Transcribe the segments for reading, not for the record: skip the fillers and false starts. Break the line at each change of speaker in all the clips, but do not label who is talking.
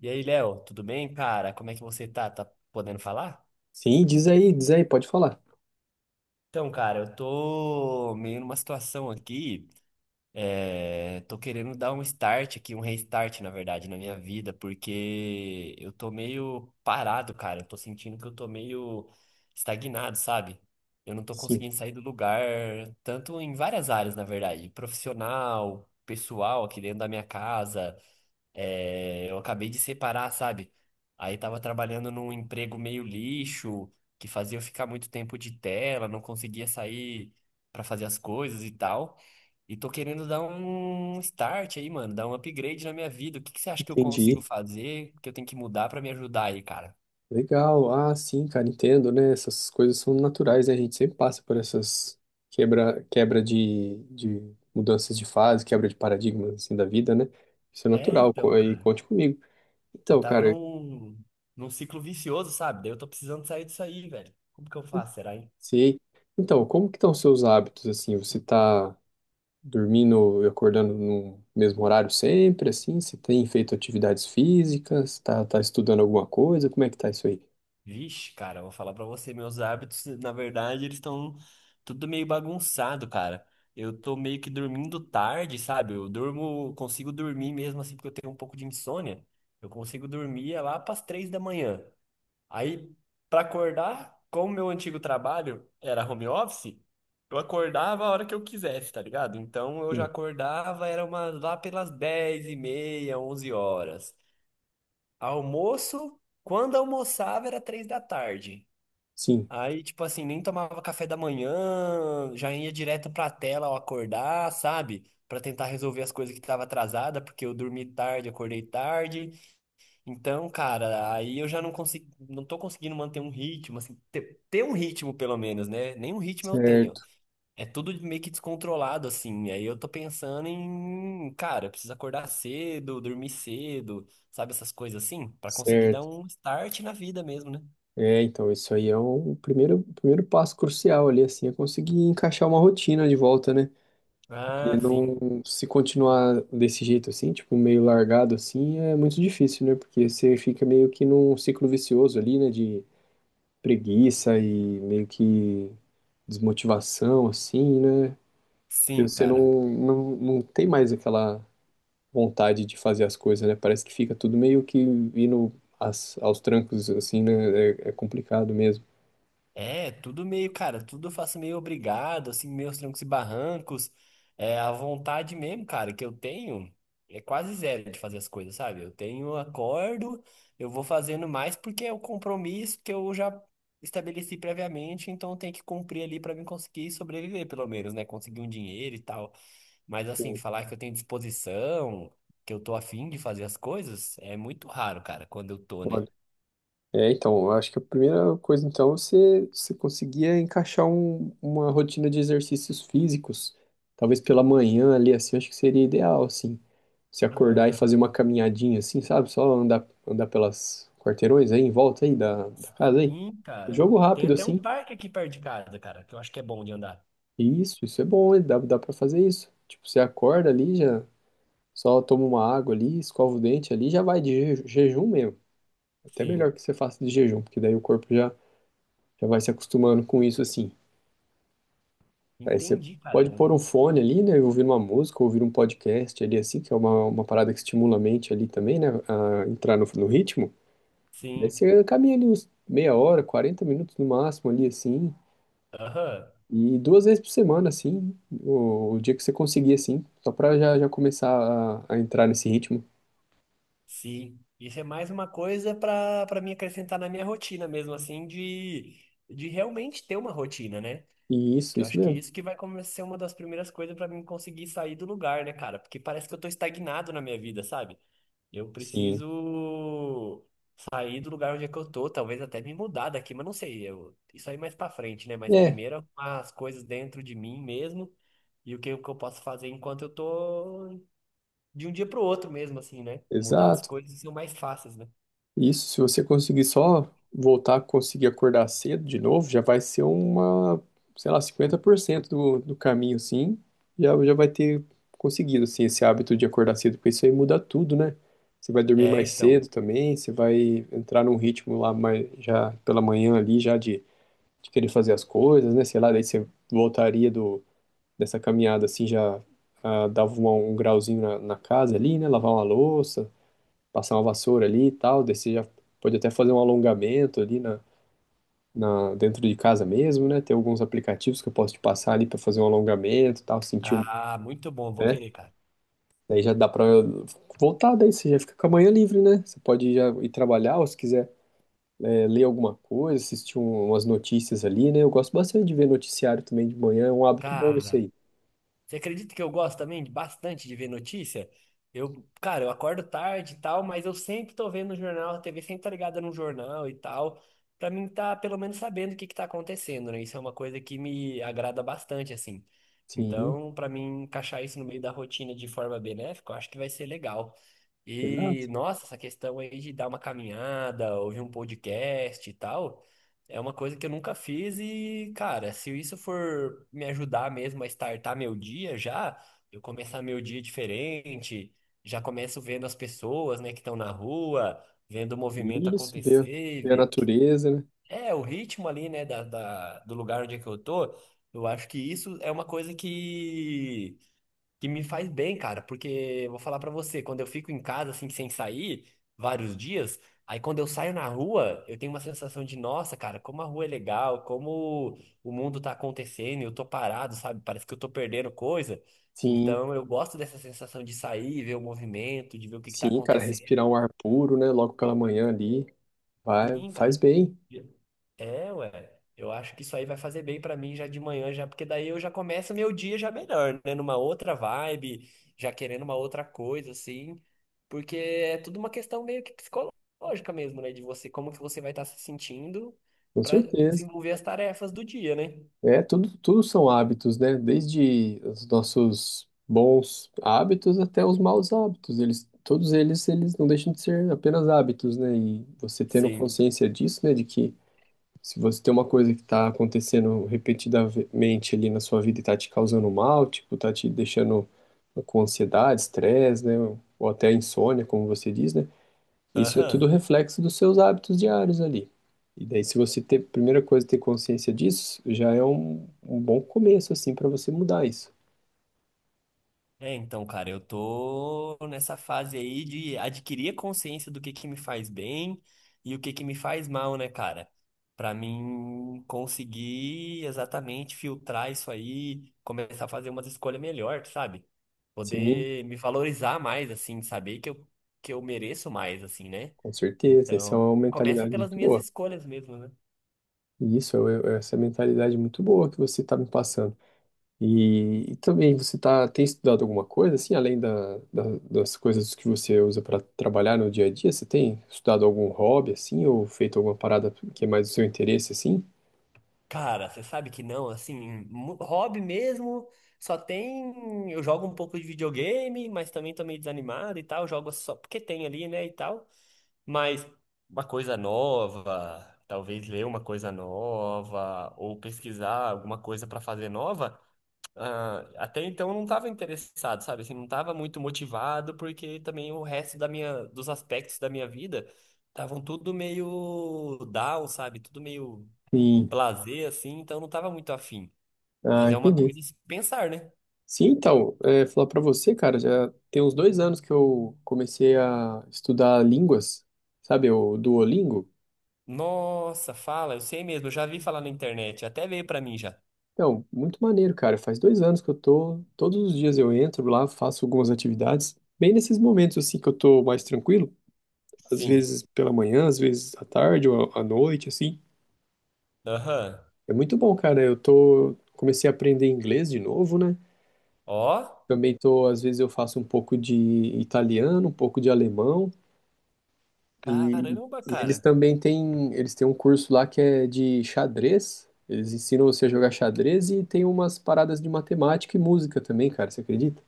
E aí, Léo, tudo bem, cara? Como é que você tá? Tá podendo falar?
Sim, diz aí, pode falar.
Então, cara, eu tô meio numa situação aqui, tô querendo dar um start aqui, um restart, na verdade, na minha vida, porque eu tô meio parado, cara. Eu tô sentindo que eu tô meio estagnado, sabe? Eu não tô
Sim,
conseguindo sair do lugar, tanto em várias áreas, na verdade, profissional, pessoal, aqui dentro da minha casa. É, eu acabei de separar, sabe? Aí tava trabalhando num emprego meio lixo, que fazia eu ficar muito tempo de tela, não conseguia sair pra fazer as coisas e tal. E tô querendo dar um start aí, mano, dar um upgrade na minha vida. O que que você acha que eu
entendi.
consigo fazer, que eu tenho que mudar pra me ajudar aí, cara?
Legal. Ah, sim, cara, entendo, né? Essas coisas são naturais, né? A gente sempre passa por essas quebra de mudanças de fase, quebra de paradigmas assim da vida, né? Isso é
É,
natural,
então,
aí
cara,
conte comigo.
eu
Então,
tava
cara,
num ciclo vicioso, sabe? Daí eu tô precisando sair disso aí, velho. Como que eu faço, será, hein?
sei. Então, como que estão os seus hábitos assim? Você tá dormindo e acordando no mesmo horário sempre assim? Você tem feito atividades físicas? Tá estudando alguma coisa? Como é que tá isso aí?
Vixe, cara, eu vou falar pra você, meus hábitos, na verdade, eles estão tudo meio bagunçado, cara. Eu tô meio que dormindo tarde, sabe? Eu durmo, consigo dormir mesmo assim, porque eu tenho um pouco de insônia. Eu consigo dormir é lá pras 3 da manhã. Aí, pra acordar, como meu antigo trabalho era home office, eu acordava a hora que eu quisesse, tá ligado? Então eu já
Sim.
acordava, era uma, lá pelas 10h30, 11 horas. Almoço, quando almoçava era 3 da tarde.
Sim.
Aí, tipo assim, nem tomava café da manhã, já ia direto pra tela ao acordar, sabe? Pra tentar resolver as coisas que tava atrasada, porque eu dormi tarde, acordei tarde. Então, cara, aí eu já não consigo, não tô conseguindo manter um ritmo, assim, ter um ritmo pelo menos, né? Nenhum ritmo eu tenho.
Certo.
É tudo meio que descontrolado, assim. Aí eu tô pensando em, cara, eu preciso acordar cedo, dormir cedo, sabe? Essas coisas assim, pra conseguir dar
Certo.
um start na vida mesmo, né?
É, então, isso aí é o primeiro passo crucial ali, assim, é conseguir encaixar uma rotina de volta, né? Porque
Ah, sim.
não, se continuar desse jeito assim, tipo, meio largado assim, é muito difícil, né? Porque você fica meio que num ciclo vicioso ali, né? De preguiça e meio que desmotivação, assim, né? Que
Sim,
você
cara.
não tem mais aquela vontade de fazer as coisas, né? Parece que fica tudo meio que indo aos trancos, assim, né? É é complicado mesmo.
É, tudo meio, cara, tudo eu faço meio obrigado, assim, meus trancos e barrancos. É, a vontade mesmo, cara, que eu tenho é quase zero de fazer as coisas, sabe? Eu tenho, acordo, eu vou fazendo mais porque é o compromisso que eu já estabeleci previamente, então eu tenho que cumprir ali pra mim conseguir sobreviver, pelo menos, né? Conseguir um dinheiro e tal. Mas assim,
Hum,
falar que eu tenho disposição, que eu tô afim de fazer as coisas, é muito raro, cara, quando eu tô, né?
Olha, é, então, eu acho que a primeira coisa, então, é você conseguia encaixar uma rotina de exercícios físicos, talvez pela manhã ali, assim, eu acho que seria ideal, assim, se acordar e fazer uma caminhadinha, assim, sabe, só andar, andar pelas quarteirões aí, em volta aí da casa aí,
Sim,
um
cara.
jogo
Tem
rápido,
até um
assim,
parque aqui perto de casa, cara, que eu acho que é bom de andar.
isso é bom, hein? Dá pra fazer isso, tipo, você acorda ali, já só toma uma água ali, escova o dente ali, já vai de jejum mesmo, até
Sim,
melhor que você faça de jejum, porque daí o corpo já vai se acostumando com isso assim. Aí você
entendi, cara. É
pode pôr um
um.
fone ali, né, e ouvir uma música, ouvir um podcast ali assim, que é uma parada que estimula a mente ali também, né, a entrar no ritmo. Aí
Sim,
você caminha ali uns meia hora, 40 minutos no máximo ali assim,
aham,
e duas vezes por semana assim, o dia que você conseguir assim, só pra já começar a entrar nesse ritmo.
sim. Isso é mais uma coisa pra para me acrescentar na minha rotina mesmo, assim, de realmente ter uma rotina, né?
E isso,
Que eu
isso
acho que
mesmo.
isso que vai começar a ser uma das primeiras coisas pra mim conseguir sair do lugar, né, cara? Porque parece que eu tô estagnado na minha vida, sabe? Eu
Sim.
preciso sair do lugar onde é que eu tô, talvez até me mudar daqui, mas não sei. Eu, isso aí mais pra frente, né? Mas
É,
primeiro arrumar as coisas dentro de mim mesmo e o que eu posso fazer enquanto eu tô de um dia pro outro mesmo, assim, né? Mudar as
exato.
coisas são mais fáceis, né?
Isso, se você conseguir só voltar a conseguir acordar cedo de novo, já vai ser uma, sei lá, 50% do caminho, sim. Já vai ter conseguido, assim, esse hábito de acordar cedo, porque isso aí muda tudo, né? Você vai dormir
É,
mais
então.
cedo também, você vai entrar num ritmo lá mais, já pela manhã ali, já de querer fazer as coisas, né? Sei lá, daí você voltaria do dessa caminhada, assim, já ah, dava um grauzinho na casa ali, né? Lavar uma louça, passar uma vassoura ali e tal, daí você já pode até fazer um alongamento ali dentro de casa mesmo, né? Tem alguns aplicativos que eu posso te passar ali para fazer um alongamento e tal, sentir um,
Ah, muito bom, vou
né?
querer, cara.
Daí já dá para voltar, daí você já fica com a manhã livre, né? Você pode já ir trabalhar ou se quiser é, ler alguma coisa, assistir umas notícias ali, né? Eu gosto bastante de ver noticiário também de manhã, é um hábito bom isso
Cara,
aí.
você acredita que eu gosto também bastante de ver notícia? Eu, cara, eu acordo tarde e tal, mas eu sempre tô vendo o jornal, a TV sempre tá ligada no jornal e tal, pra mim tá pelo menos sabendo o que que tá acontecendo, né? Isso é uma coisa que me agrada bastante, assim.
Sim,
Então, pra mim encaixar isso no meio da rotina de forma benéfica, eu acho que vai ser legal. E,
exato.
nossa, essa questão aí de dar uma caminhada, ouvir um podcast e tal, é uma coisa que eu nunca fiz e, cara, se isso for me ajudar mesmo a startar meu dia já, eu começar meu dia diferente, já começo vendo as pessoas, né, que estão na rua, vendo o movimento
Isso, ver,
acontecer,
ver a
ver o que
natureza, né?
é o ritmo ali, né, do lugar onde é que eu tô, eu acho que isso é uma coisa que me faz bem, cara, porque vou falar pra você, quando eu fico em casa assim sem sair vários dias, aí quando eu saio na rua, eu tenho uma sensação de, nossa, cara, como a rua é legal, como o mundo tá acontecendo, eu tô parado, sabe? Parece que eu tô perdendo coisa.
Sim,
Então eu gosto dessa sensação de sair, ver o movimento, de ver o que que tá
sim, cara,
acontecendo.
respirar um ar puro, né? Logo pela manhã ali. Vai,
Sim, cara.
faz bem,
É, ué. Eu acho que isso aí vai fazer bem pra mim já de manhã, já, porque daí eu já começo meu dia já melhor, né? Numa outra vibe, já querendo uma outra coisa, assim. Porque é tudo uma questão meio que psicológica mesmo, né? De você, como que você vai estar se sentindo
com
pra
certeza.
desenvolver as tarefas do dia, né?
É, tudo, tudo são hábitos, né? Desde os nossos bons hábitos até os maus hábitos. Eles, todos eles, eles não deixam de ser apenas hábitos, né? E você tendo
Sim.
consciência disso, né? De que se você tem uma coisa que está acontecendo repetidamente ali na sua vida e está te causando mal, tipo, tá te deixando com ansiedade, estresse, né? Ou até insônia, como você diz, né? Isso é tudo
Aham.
reflexo dos seus hábitos diários ali. E daí, se você ter, primeira coisa, ter consciência disso, já é um bom começo, assim, para você mudar isso.
É, então, cara, eu tô nessa fase aí de adquirir a consciência do que me faz bem e o que que me faz mal, né, cara? Pra mim conseguir exatamente filtrar isso aí, começar a fazer umas escolhas melhor, sabe?
Sim,
Poder me valorizar mais, assim, saber que que eu mereço mais, assim, né?
com certeza. Essa é uma
Então, começa
mentalidade
pelas
muito
minhas
boa.
escolhas mesmo, né?
E isso, é essa mentalidade muito boa que você está me passando. E também, você tá, tem estudado alguma coisa, assim, além das coisas que você usa para trabalhar no dia a dia? Você tem estudado algum hobby, assim, ou feito alguma parada que é mais do seu interesse, assim?
Cara, você sabe que não, assim, hobby mesmo, só tem. Eu jogo um pouco de videogame, mas também tô meio desanimado e tal, jogo só porque tem ali, né, e tal. Mas uma coisa nova, talvez ler uma coisa nova, ou pesquisar alguma coisa pra fazer nova, ah, até então eu não tava interessado, sabe? Assim, não tava muito motivado, porque também o resto dos aspectos da minha vida estavam tudo meio down, sabe? Tudo meio
Sim.
lazer, assim, então eu não tava muito afim.
Ah,
Mas é uma
entendi.
coisa a se pensar, né?
Sim, então, é, falar pra você, cara, já tem uns 2 anos que eu comecei a estudar línguas, sabe, o Duolingo.
Nossa, fala, eu sei mesmo, eu já vi falar na internet, até veio pra mim já.
Então, muito maneiro, cara. Faz 2 anos que eu tô, todos os dias eu entro lá, faço algumas atividades, bem nesses momentos, assim, que eu tô mais tranquilo, às
Sim.
vezes pela manhã, às vezes à tarde ou à noite, assim.
Aham.
É muito bom, cara. Eu tô, comecei a aprender inglês de novo, né?
Ó,
Também tô, às vezes eu faço um pouco de italiano, um pouco de alemão. E,
caramba,
e eles
cara.
também têm, eles têm um curso lá que é de xadrez. Eles ensinam você a jogar xadrez e tem umas paradas de matemática e música também, cara. Você acredita?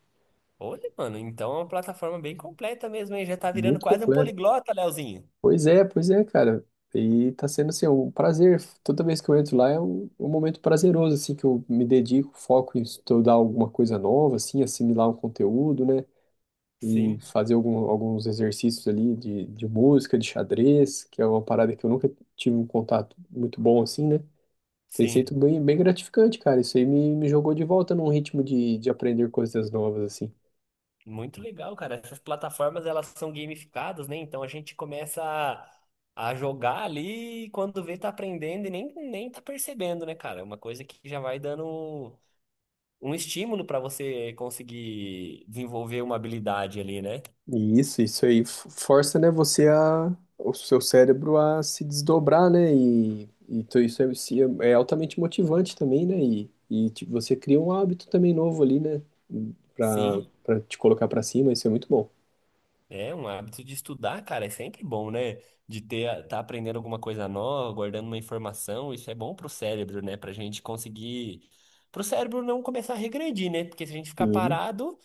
Olha, mano, então é uma plataforma bem completa mesmo, hein? Já tá virando
Muito
quase um
completo.
poliglota, Leozinho.
Pois é, cara. E tá sendo assim, é um prazer. Toda vez que eu entro lá é um momento prazeroso, assim, que eu me dedico, foco em estudar alguma coisa nova, assim, assimilar um conteúdo, né? E
Sim,
fazer alguns exercícios ali de música, de xadrez, que é uma parada que eu nunca tive um contato muito bom, assim, né? Tem sido
sim.
bem, bem gratificante, cara. Isso aí me jogou de volta num ritmo de aprender coisas novas, assim.
Muito legal, cara. Essas plataformas, elas são gamificadas, né? Então a gente começa a jogar ali e quando vê, tá aprendendo e nem tá percebendo, né, cara? É uma coisa que já vai dando um estímulo para você conseguir desenvolver uma habilidade ali, né?
E isso aí força, né, você a, o seu cérebro a se desdobrar, né? E isso é, é altamente motivante também, né? E tipo, você cria um hábito também novo ali, né?
Sim,
Pra te colocar pra cima, isso é muito bom.
é um hábito de estudar, cara, é sempre bom, né? De ter, tá aprendendo alguma coisa nova, guardando uma informação, isso é bom pro cérebro, né? Pra gente conseguir, pro cérebro não começar a regredir, né? Porque se a gente ficar
E,
parado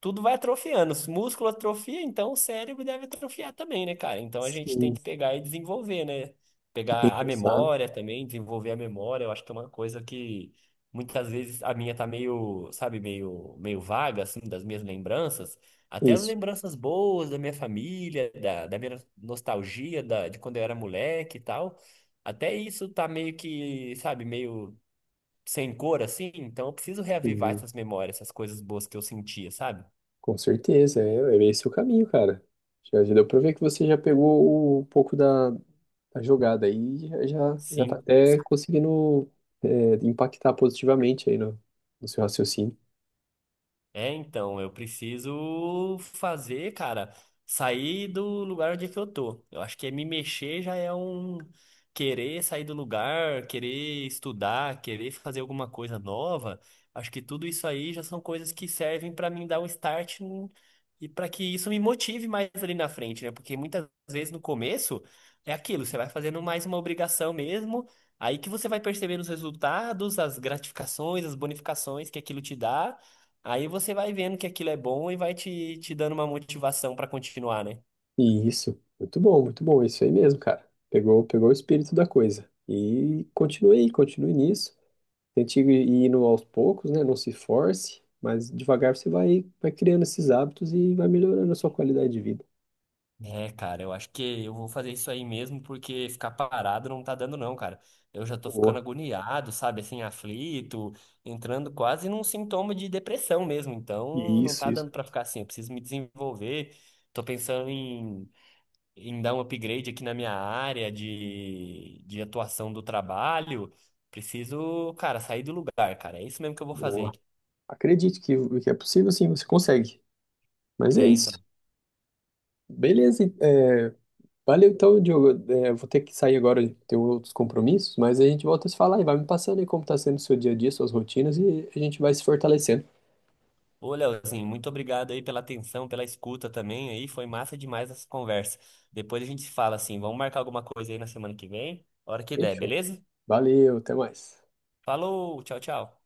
tudo vai atrofiando. Os músculos atrofiam, então o cérebro deve atrofiar também, né, cara? Então a gente tem
sim,
que pegar e desenvolver, né?
fica
Pegar a
engraçado.
memória também, desenvolver a memória. Eu acho que é uma coisa que muitas vezes a minha tá meio, sabe, meio vaga, assim, das minhas lembranças. Até as
Isso.
lembranças boas da minha família, da minha nostalgia, de quando eu era moleque e tal. Até isso tá meio que, sabe, meio sem cor, assim. Então eu preciso reavivar
Uhum.
essas memórias, essas coisas boas que eu sentia, sabe?
Com certeza, é, é esse o caminho, cara. Já, já deu pra ver que você já pegou um pouco da jogada aí e já, já já tá
Sim,
até conseguindo é, impactar positivamente aí no seu raciocínio.
é então, eu preciso fazer, cara, sair do lugar onde é que eu tô. Eu acho que é me mexer já é um querer sair do lugar, querer estudar, querer fazer alguma coisa nova. Acho que tudo isso aí já são coisas que servem pra mim dar um start e pra que isso me motive mais ali na frente, né? Porque muitas vezes no começo é aquilo, você vai fazendo mais uma obrigação mesmo, aí que você vai percebendo os resultados, as gratificações, as bonificações que aquilo te dá. Aí você vai vendo que aquilo é bom e vai te dando uma motivação pra continuar, né?
E isso, muito bom, isso aí mesmo, cara. Pegou, pegou o espírito da coisa. E continue aí, continue nisso. Tente ir indo aos poucos, né? Não se force, mas devagar você vai, vai criando esses hábitos e vai melhorando a sua qualidade de vida.
É, cara, eu acho que eu vou fazer isso aí mesmo, porque ficar parado não tá dando não, cara. Eu já tô
Boa.
ficando agoniado, sabe, assim, aflito, entrando quase num sintoma de depressão mesmo. Então, não
Isso,
tá
isso.
dando pra ficar assim, eu preciso me desenvolver. Tô pensando em, dar um upgrade aqui na minha área de atuação do trabalho. Preciso, cara, sair do lugar, cara. É isso mesmo que eu vou
Boa.
fazer.
Acredite que é possível, sim, você consegue. Mas é
É, então.
isso. Beleza. É, valeu então, Diogo. É, vou ter que sair agora, tenho outros compromissos, mas a gente volta a se falar e vai me passando aí como está sendo o seu dia a dia, suas rotinas, e a gente vai se fortalecendo.
Ô, Leozinho, muito obrigado aí pela atenção, pela escuta também aí. Foi massa demais essa conversa. Depois a gente se fala assim, vamos marcar alguma coisa aí na semana que vem, hora que der,
Fechou.
beleza?
Valeu, até mais.
Falou, tchau, tchau.